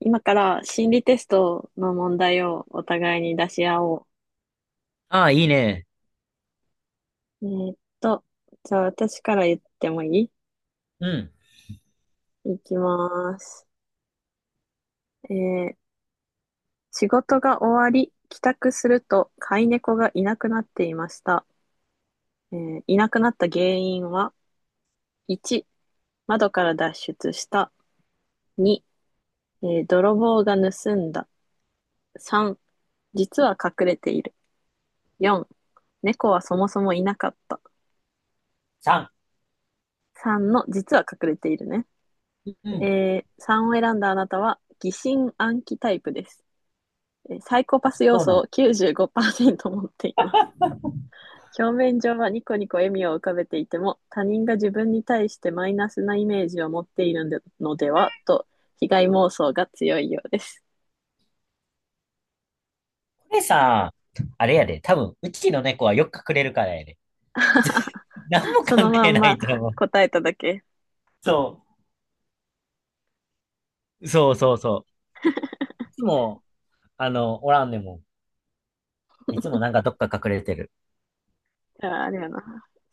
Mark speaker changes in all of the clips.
Speaker 1: 今から心理テストの問題をお互いに出し合お
Speaker 2: ああ、いいね。
Speaker 1: う。じゃあ私から言ってもいい？
Speaker 2: うん。
Speaker 1: いきます。えー仕事が終わり、帰宅すると飼い猫がいなくなっていました。いなくなった原因は、1、窓から脱出した。2、泥棒が盗んだ。3、実は隠れている。4、猫はそもそもいなかった。
Speaker 2: 3。
Speaker 1: 3の実は隠れているね。
Speaker 2: うん。
Speaker 1: 3を選んだあなたは疑心暗鬼タイプです。サイコパス要
Speaker 2: そうな
Speaker 1: 素
Speaker 2: ん。こ
Speaker 1: を95%持っています。表面上はニコニコ笑みを浮かべていても、他人が自分に対してマイナスなイメージを持っているのでのではと、被害妄想が強いようです。
Speaker 2: れさ、あれやで。多分、うちの猫はよく隠れるからやで。何も
Speaker 1: その
Speaker 2: 関
Speaker 1: ま
Speaker 2: 係
Speaker 1: ん
Speaker 2: な
Speaker 1: ま
Speaker 2: いと思う。
Speaker 1: 答えただけ。
Speaker 2: そそうそうそう。う。いつも、あの、おらんでも。いつもなんかどっか隠れてる。
Speaker 1: あー、あれやな。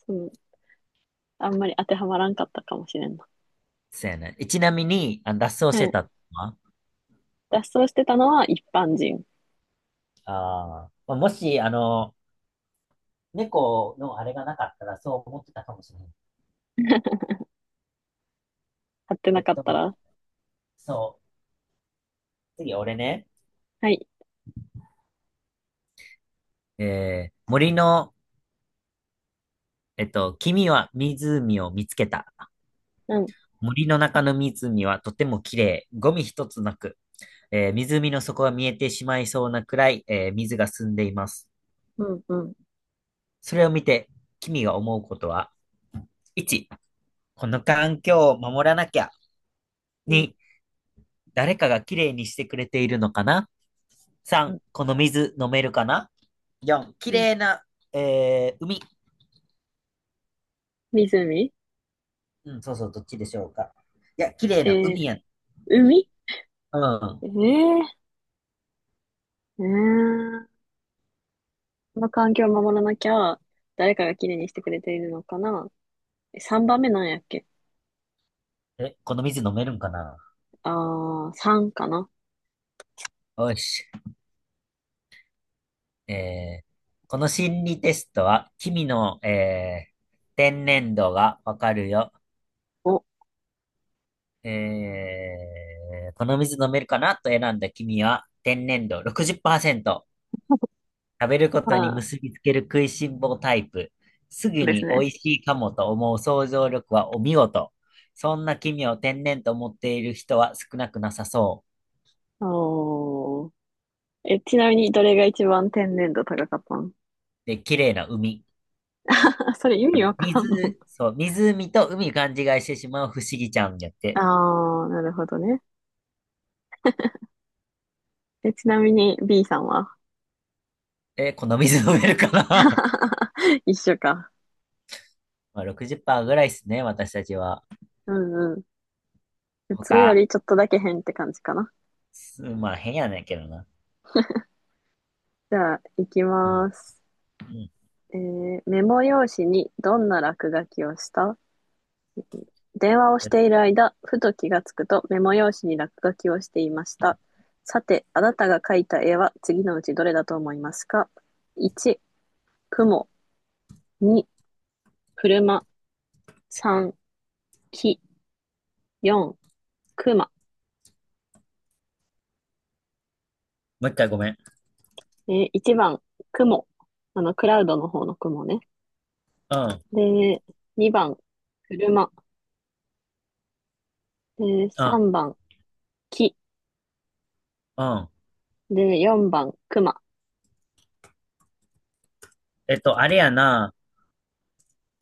Speaker 1: うん。あんまり当てはまらんかったかもしれんな。
Speaker 2: そうやね。ちなみに、あの脱走
Speaker 1: う
Speaker 2: して
Speaker 1: ん。
Speaker 2: たのは、
Speaker 1: 脱走してたのは一般人。
Speaker 2: あーまあ、もし、あの、猫のあれがなかったらそう思ってたかもしれない。
Speaker 1: 買って
Speaker 2: え
Speaker 1: な
Speaker 2: っ
Speaker 1: かっ
Speaker 2: と、
Speaker 1: たら。
Speaker 2: そう。次、俺ね。
Speaker 1: はい。
Speaker 2: 森の、君は湖を見つけた。
Speaker 1: うん。
Speaker 2: 森の中の湖はとても綺麗、ゴミ一つなく、湖の底が見えてしまいそうなくらい、水が澄んでいます。
Speaker 1: うん、うん。
Speaker 2: それを見て、君が思うことは、1、この環境を守らなきゃ。
Speaker 1: うん、
Speaker 2: 2、誰かが綺麗にしてくれているのかな？
Speaker 1: う
Speaker 2: 3、
Speaker 1: ん、
Speaker 2: この水飲めるかな？ 4、綺
Speaker 1: うん。
Speaker 2: 麗な、海。
Speaker 1: 湖。
Speaker 2: うん、そうそう、どっちでしょうか。いや、綺麗
Speaker 1: え
Speaker 2: な
Speaker 1: ー、
Speaker 2: 海やん。
Speaker 1: 海。
Speaker 2: うん。
Speaker 1: えー、うーん。この環境を守らなきゃ、誰かがきれいにしてくれているのかな。3番目なんやっけ？
Speaker 2: え、この水飲めるんかな。
Speaker 1: あー、3かな。
Speaker 2: よし。えーこの心理テストは、君の、天然度がわかるよ。
Speaker 1: お、
Speaker 2: この水飲めるかなと選んだ君は、天然度60%。食べることに
Speaker 1: あー、そ
Speaker 2: 結びつける食いしん坊タイプ。す
Speaker 1: う
Speaker 2: ぐ
Speaker 1: です
Speaker 2: に美
Speaker 1: ね。
Speaker 2: 味しいかもと思う想像力はお見事。そんな君を天然と思っている人は少なくなさそ
Speaker 1: おー。え、ちなみに、どれが一番天然度高かったの？
Speaker 2: う。で、綺麗な海。
Speaker 1: それ意
Speaker 2: あ
Speaker 1: 味
Speaker 2: の、
Speaker 1: わからんの。
Speaker 2: 水、そう、湖と海勘違いしてしまう不思議ちゃんやって。
Speaker 1: あー、なるほどね。え、ちなみに、B さんは？
Speaker 2: この水飲めるかな。
Speaker 1: 一緒か。
Speaker 2: まあ60%ぐらいですね、私たちは。
Speaker 1: うんうん。普通よ
Speaker 2: 他、
Speaker 1: りちょっとだけ変って感じかな。
Speaker 2: す、まあ変やねんけどな。
Speaker 1: じゃあ、行き
Speaker 2: うん。
Speaker 1: ます。
Speaker 2: うん。
Speaker 1: メモ用紙にどんな落書きをした？電話をし
Speaker 2: え、
Speaker 1: ている間、ふと気がつくとメモ用紙に落書きをしていました。さて、あなたが描いた絵は次のうちどれだと思いますか？ 1、雲。2、車。3、木。4、熊。
Speaker 2: もう一回ごめん。
Speaker 1: 1番、雲。クラウドの方の雲ね。
Speaker 2: うん。
Speaker 1: で、2番、車。で、
Speaker 2: うん。
Speaker 1: 3番、木。
Speaker 2: うん。
Speaker 1: で、4番、熊。
Speaker 2: えっと、あれやな。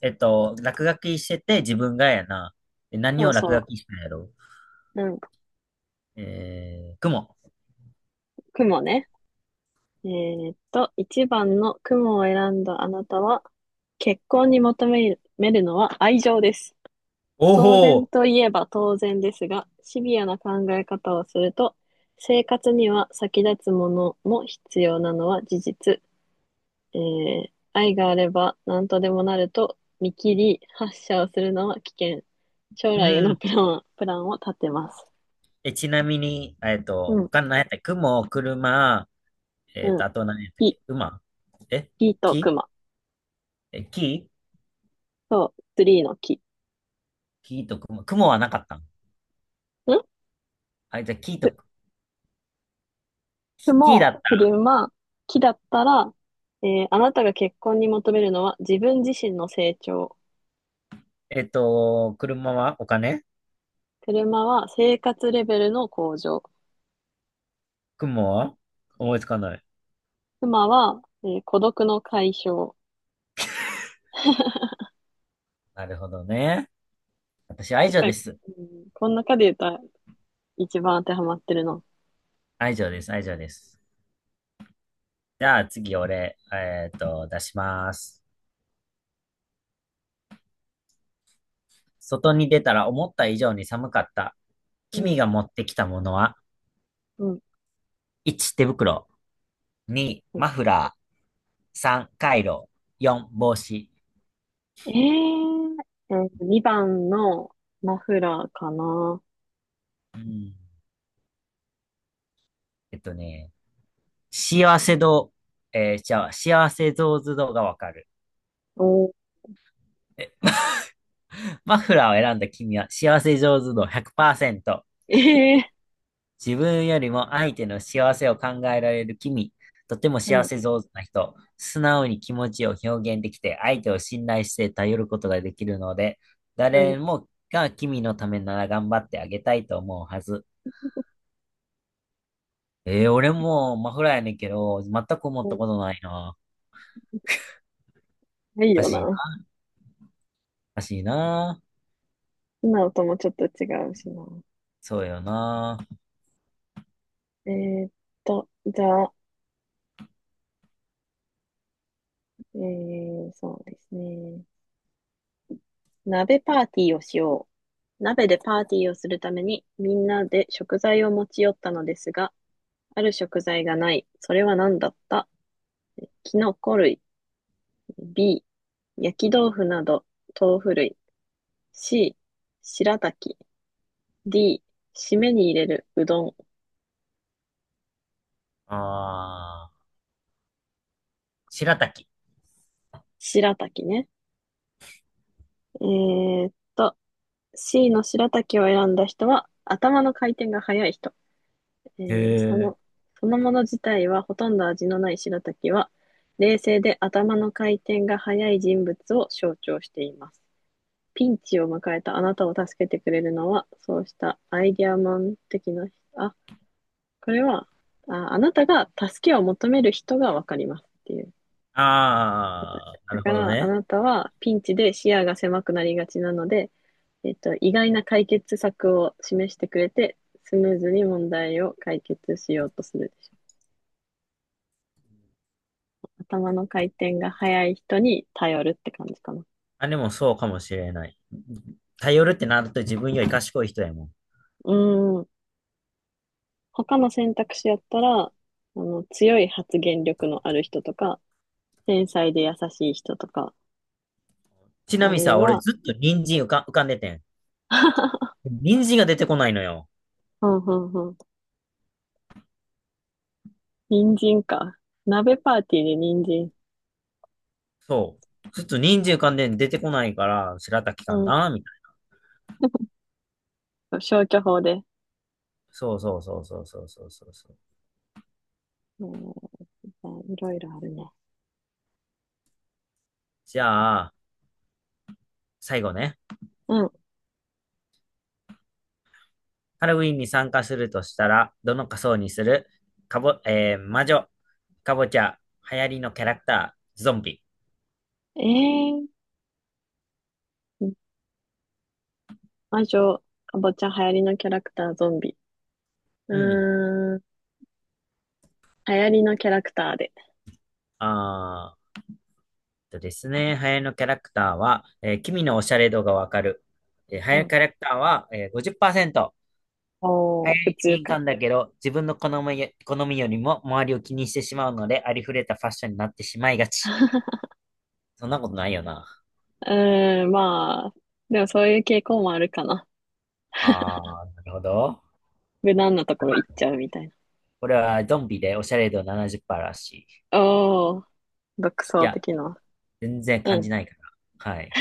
Speaker 2: えっと、落書きしてて自分がやな。え、何
Speaker 1: そう
Speaker 2: を落書
Speaker 1: そ
Speaker 2: きしたんやろ。
Speaker 1: う。うん、
Speaker 2: 雲。
Speaker 1: 雲ね。1番の雲を選んだあなたは、結婚に求めるのは愛情です。
Speaker 2: お
Speaker 1: 当然
Speaker 2: お、
Speaker 1: といえば当然ですが、シビアな考え方をすると、生活には先立つものも必要なのは事実。えー愛があれば何とでもなると見切り発射をするのは危険。将
Speaker 2: う
Speaker 1: 来への
Speaker 2: ん。
Speaker 1: プランを立てます。
Speaker 2: え、ちなみに、えっと、
Speaker 1: うん、
Speaker 2: 他の何やったっけ、雲、車、えっ
Speaker 1: うん。
Speaker 2: と、あと何やったっ
Speaker 1: 木、
Speaker 2: け、馬、え、
Speaker 1: 木と
Speaker 2: 木、
Speaker 1: 熊
Speaker 2: え、木、
Speaker 1: と、ツリーの木。
Speaker 2: 木と雲。雲はなかったん。
Speaker 1: ん
Speaker 2: あ、じゃあ木と、キキだ
Speaker 1: も
Speaker 2: った。
Speaker 1: 車、木だったら、あなたが結婚に求めるのは自分自身の成長。
Speaker 2: えっと、車はお金、
Speaker 1: 車は生活レベルの向上。
Speaker 2: 雲は思いつかない。
Speaker 1: 妻は、孤独の解消。
Speaker 2: なるほどね。私、愛
Speaker 1: 確
Speaker 2: 情
Speaker 1: か
Speaker 2: で
Speaker 1: に、
Speaker 2: す。
Speaker 1: うん、この中で言ったら一番当てはまってるの。
Speaker 2: 愛情です。愛情です。じゃあ、次、俺、えっと、出します。外に出たら思った以上に寒かった。
Speaker 1: うん、
Speaker 2: 君が持ってきたものは、
Speaker 1: うん。
Speaker 2: 1、手袋。2、
Speaker 1: はい。
Speaker 2: マフラー。3、カイロ。4、帽子。
Speaker 1: え2番のマフラーかな。
Speaker 2: うん。えっとね、幸せ度、じゃあ、幸せ像図度がわかる。
Speaker 1: おー、
Speaker 2: マフラーを選んだ君は幸せ上手度100%。
Speaker 1: え
Speaker 2: 自分よりも相手の幸せを考えられる君。とても
Speaker 1: ー、う
Speaker 2: 幸
Speaker 1: ん、
Speaker 2: せ上手な人。素直に気持ちを表現できて、相手を信頼して頼ることができるので、
Speaker 1: う
Speaker 2: 誰
Speaker 1: ん、
Speaker 2: もが君のためなら頑張ってあげたいと思うはず。俺もマフラーやねんけど、全く思った
Speaker 1: う
Speaker 2: ことないな。
Speaker 1: ん。いい
Speaker 2: おか
Speaker 1: よ
Speaker 2: しいな。
Speaker 1: な。
Speaker 2: おかしいな。
Speaker 1: 今のともちょっと違うしな。
Speaker 2: そうよな。
Speaker 1: えーっじゃあ、そうですね。鍋パーティーをしよう。鍋でパーティーをするためにみんなで食材を持ち寄ったのですが、ある食材がない。それは何だった？キノコ類。B、焼き豆腐など豆腐類。C、白滝。D、締めに入れるうどん。
Speaker 2: あー、白滝。
Speaker 1: 白滝ね。えーっと、C の白滝を選んだ人は頭の回転が速い人。え
Speaker 2: へ
Speaker 1: ーその、
Speaker 2: え。
Speaker 1: そのもの自体はほとんど味のない白滝は、冷静で頭の回転が速い人物を象徴しています。ピンチを迎えたあなたを助けてくれるのは、そうしたアイディアマン的な、あ、これは、あ、あなたが助けを求める人がわかりますっていう答え。
Speaker 2: あー、な
Speaker 1: だ
Speaker 2: る
Speaker 1: か
Speaker 2: ほど
Speaker 1: ら、あ
Speaker 2: ね。
Speaker 1: なたはピンチで視野が狭くなりがちなので、意外な解決策を示してくれて、スムーズに問題を解決しようとするでしょう。頭の回転が速い人に頼るって感じかな。
Speaker 2: あ、でもそうかもしれない。頼るってなると自分より賢い人やもん。
Speaker 1: うん。他の選択肢やったら、強い発言力のある人とか、繊細で優しい人とか、
Speaker 2: ちな
Speaker 1: あ
Speaker 2: みに
Speaker 1: るい
Speaker 2: さ、俺
Speaker 1: は、
Speaker 2: ずっと人参浮かんでてん。人参が出てこないのよ。
Speaker 1: うんうんうん。人参か。鍋パーティーで人参。
Speaker 2: そう。ずっと人参浮かんでん出てこないから、白滝か
Speaker 1: うん。
Speaker 2: なみたいな。
Speaker 1: 消去法で。
Speaker 2: そうそうそうそうそうそうそうそう。
Speaker 1: えー、いろいろあるね。
Speaker 2: じゃあ、最後ね。
Speaker 1: うん。
Speaker 2: ハロウィンに参加するとしたら、どの仮装にする。かぼ、えー、魔女、かぼちゃ、流行りのキャラクター、ゾンビ。
Speaker 1: えー、うん、魔女、かぼちゃ、流行りのキャラクター、ゾンビ。
Speaker 2: うん。
Speaker 1: うーん、流行りのキャラクターで。
Speaker 2: あー、とですね、流行りのキャラクターは、君のおしゃれ度がわかる。えー、流
Speaker 1: う
Speaker 2: 行り
Speaker 1: ん。
Speaker 2: キャラクターは、えー、50%。流
Speaker 1: お
Speaker 2: 行
Speaker 1: ー、
Speaker 2: り
Speaker 1: 普
Speaker 2: に
Speaker 1: 通
Speaker 2: 敏
Speaker 1: か。
Speaker 2: 感だけど、自分の好みよ、好みよりも周りを気にしてしまうので、ありふれたファッションになってしまいがち。そんなことないよな。
Speaker 1: うーん、まあ、でもそういう傾向もあるかな。
Speaker 2: あー、なるほど。
Speaker 1: 無難なところ行っちゃうみたいな。
Speaker 2: これはドンビでおしゃれ度70%らしい。
Speaker 1: おー、独
Speaker 2: い
Speaker 1: 創
Speaker 2: や、
Speaker 1: 的な。
Speaker 2: 全然
Speaker 1: う
Speaker 2: 感
Speaker 1: ん。い
Speaker 2: じないから。はい。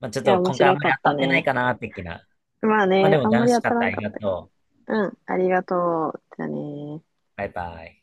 Speaker 2: まあ、ちょっ
Speaker 1: や、
Speaker 2: と
Speaker 1: 面
Speaker 2: 今回あん
Speaker 1: 白
Speaker 2: ま
Speaker 1: か
Speaker 2: り
Speaker 1: っ
Speaker 2: 当
Speaker 1: た
Speaker 2: たってない
Speaker 1: ね。
Speaker 2: かな、的な。
Speaker 1: まあ
Speaker 2: まあで
Speaker 1: ね、
Speaker 2: も
Speaker 1: あんま
Speaker 2: 楽
Speaker 1: り
Speaker 2: し
Speaker 1: 当
Speaker 2: か
Speaker 1: た
Speaker 2: っ
Speaker 1: ら
Speaker 2: た。あ
Speaker 1: んか
Speaker 2: り
Speaker 1: っ
Speaker 2: が
Speaker 1: たけ
Speaker 2: とう。
Speaker 1: ど。うん、ありがとう。じゃあね。
Speaker 2: バイバイ。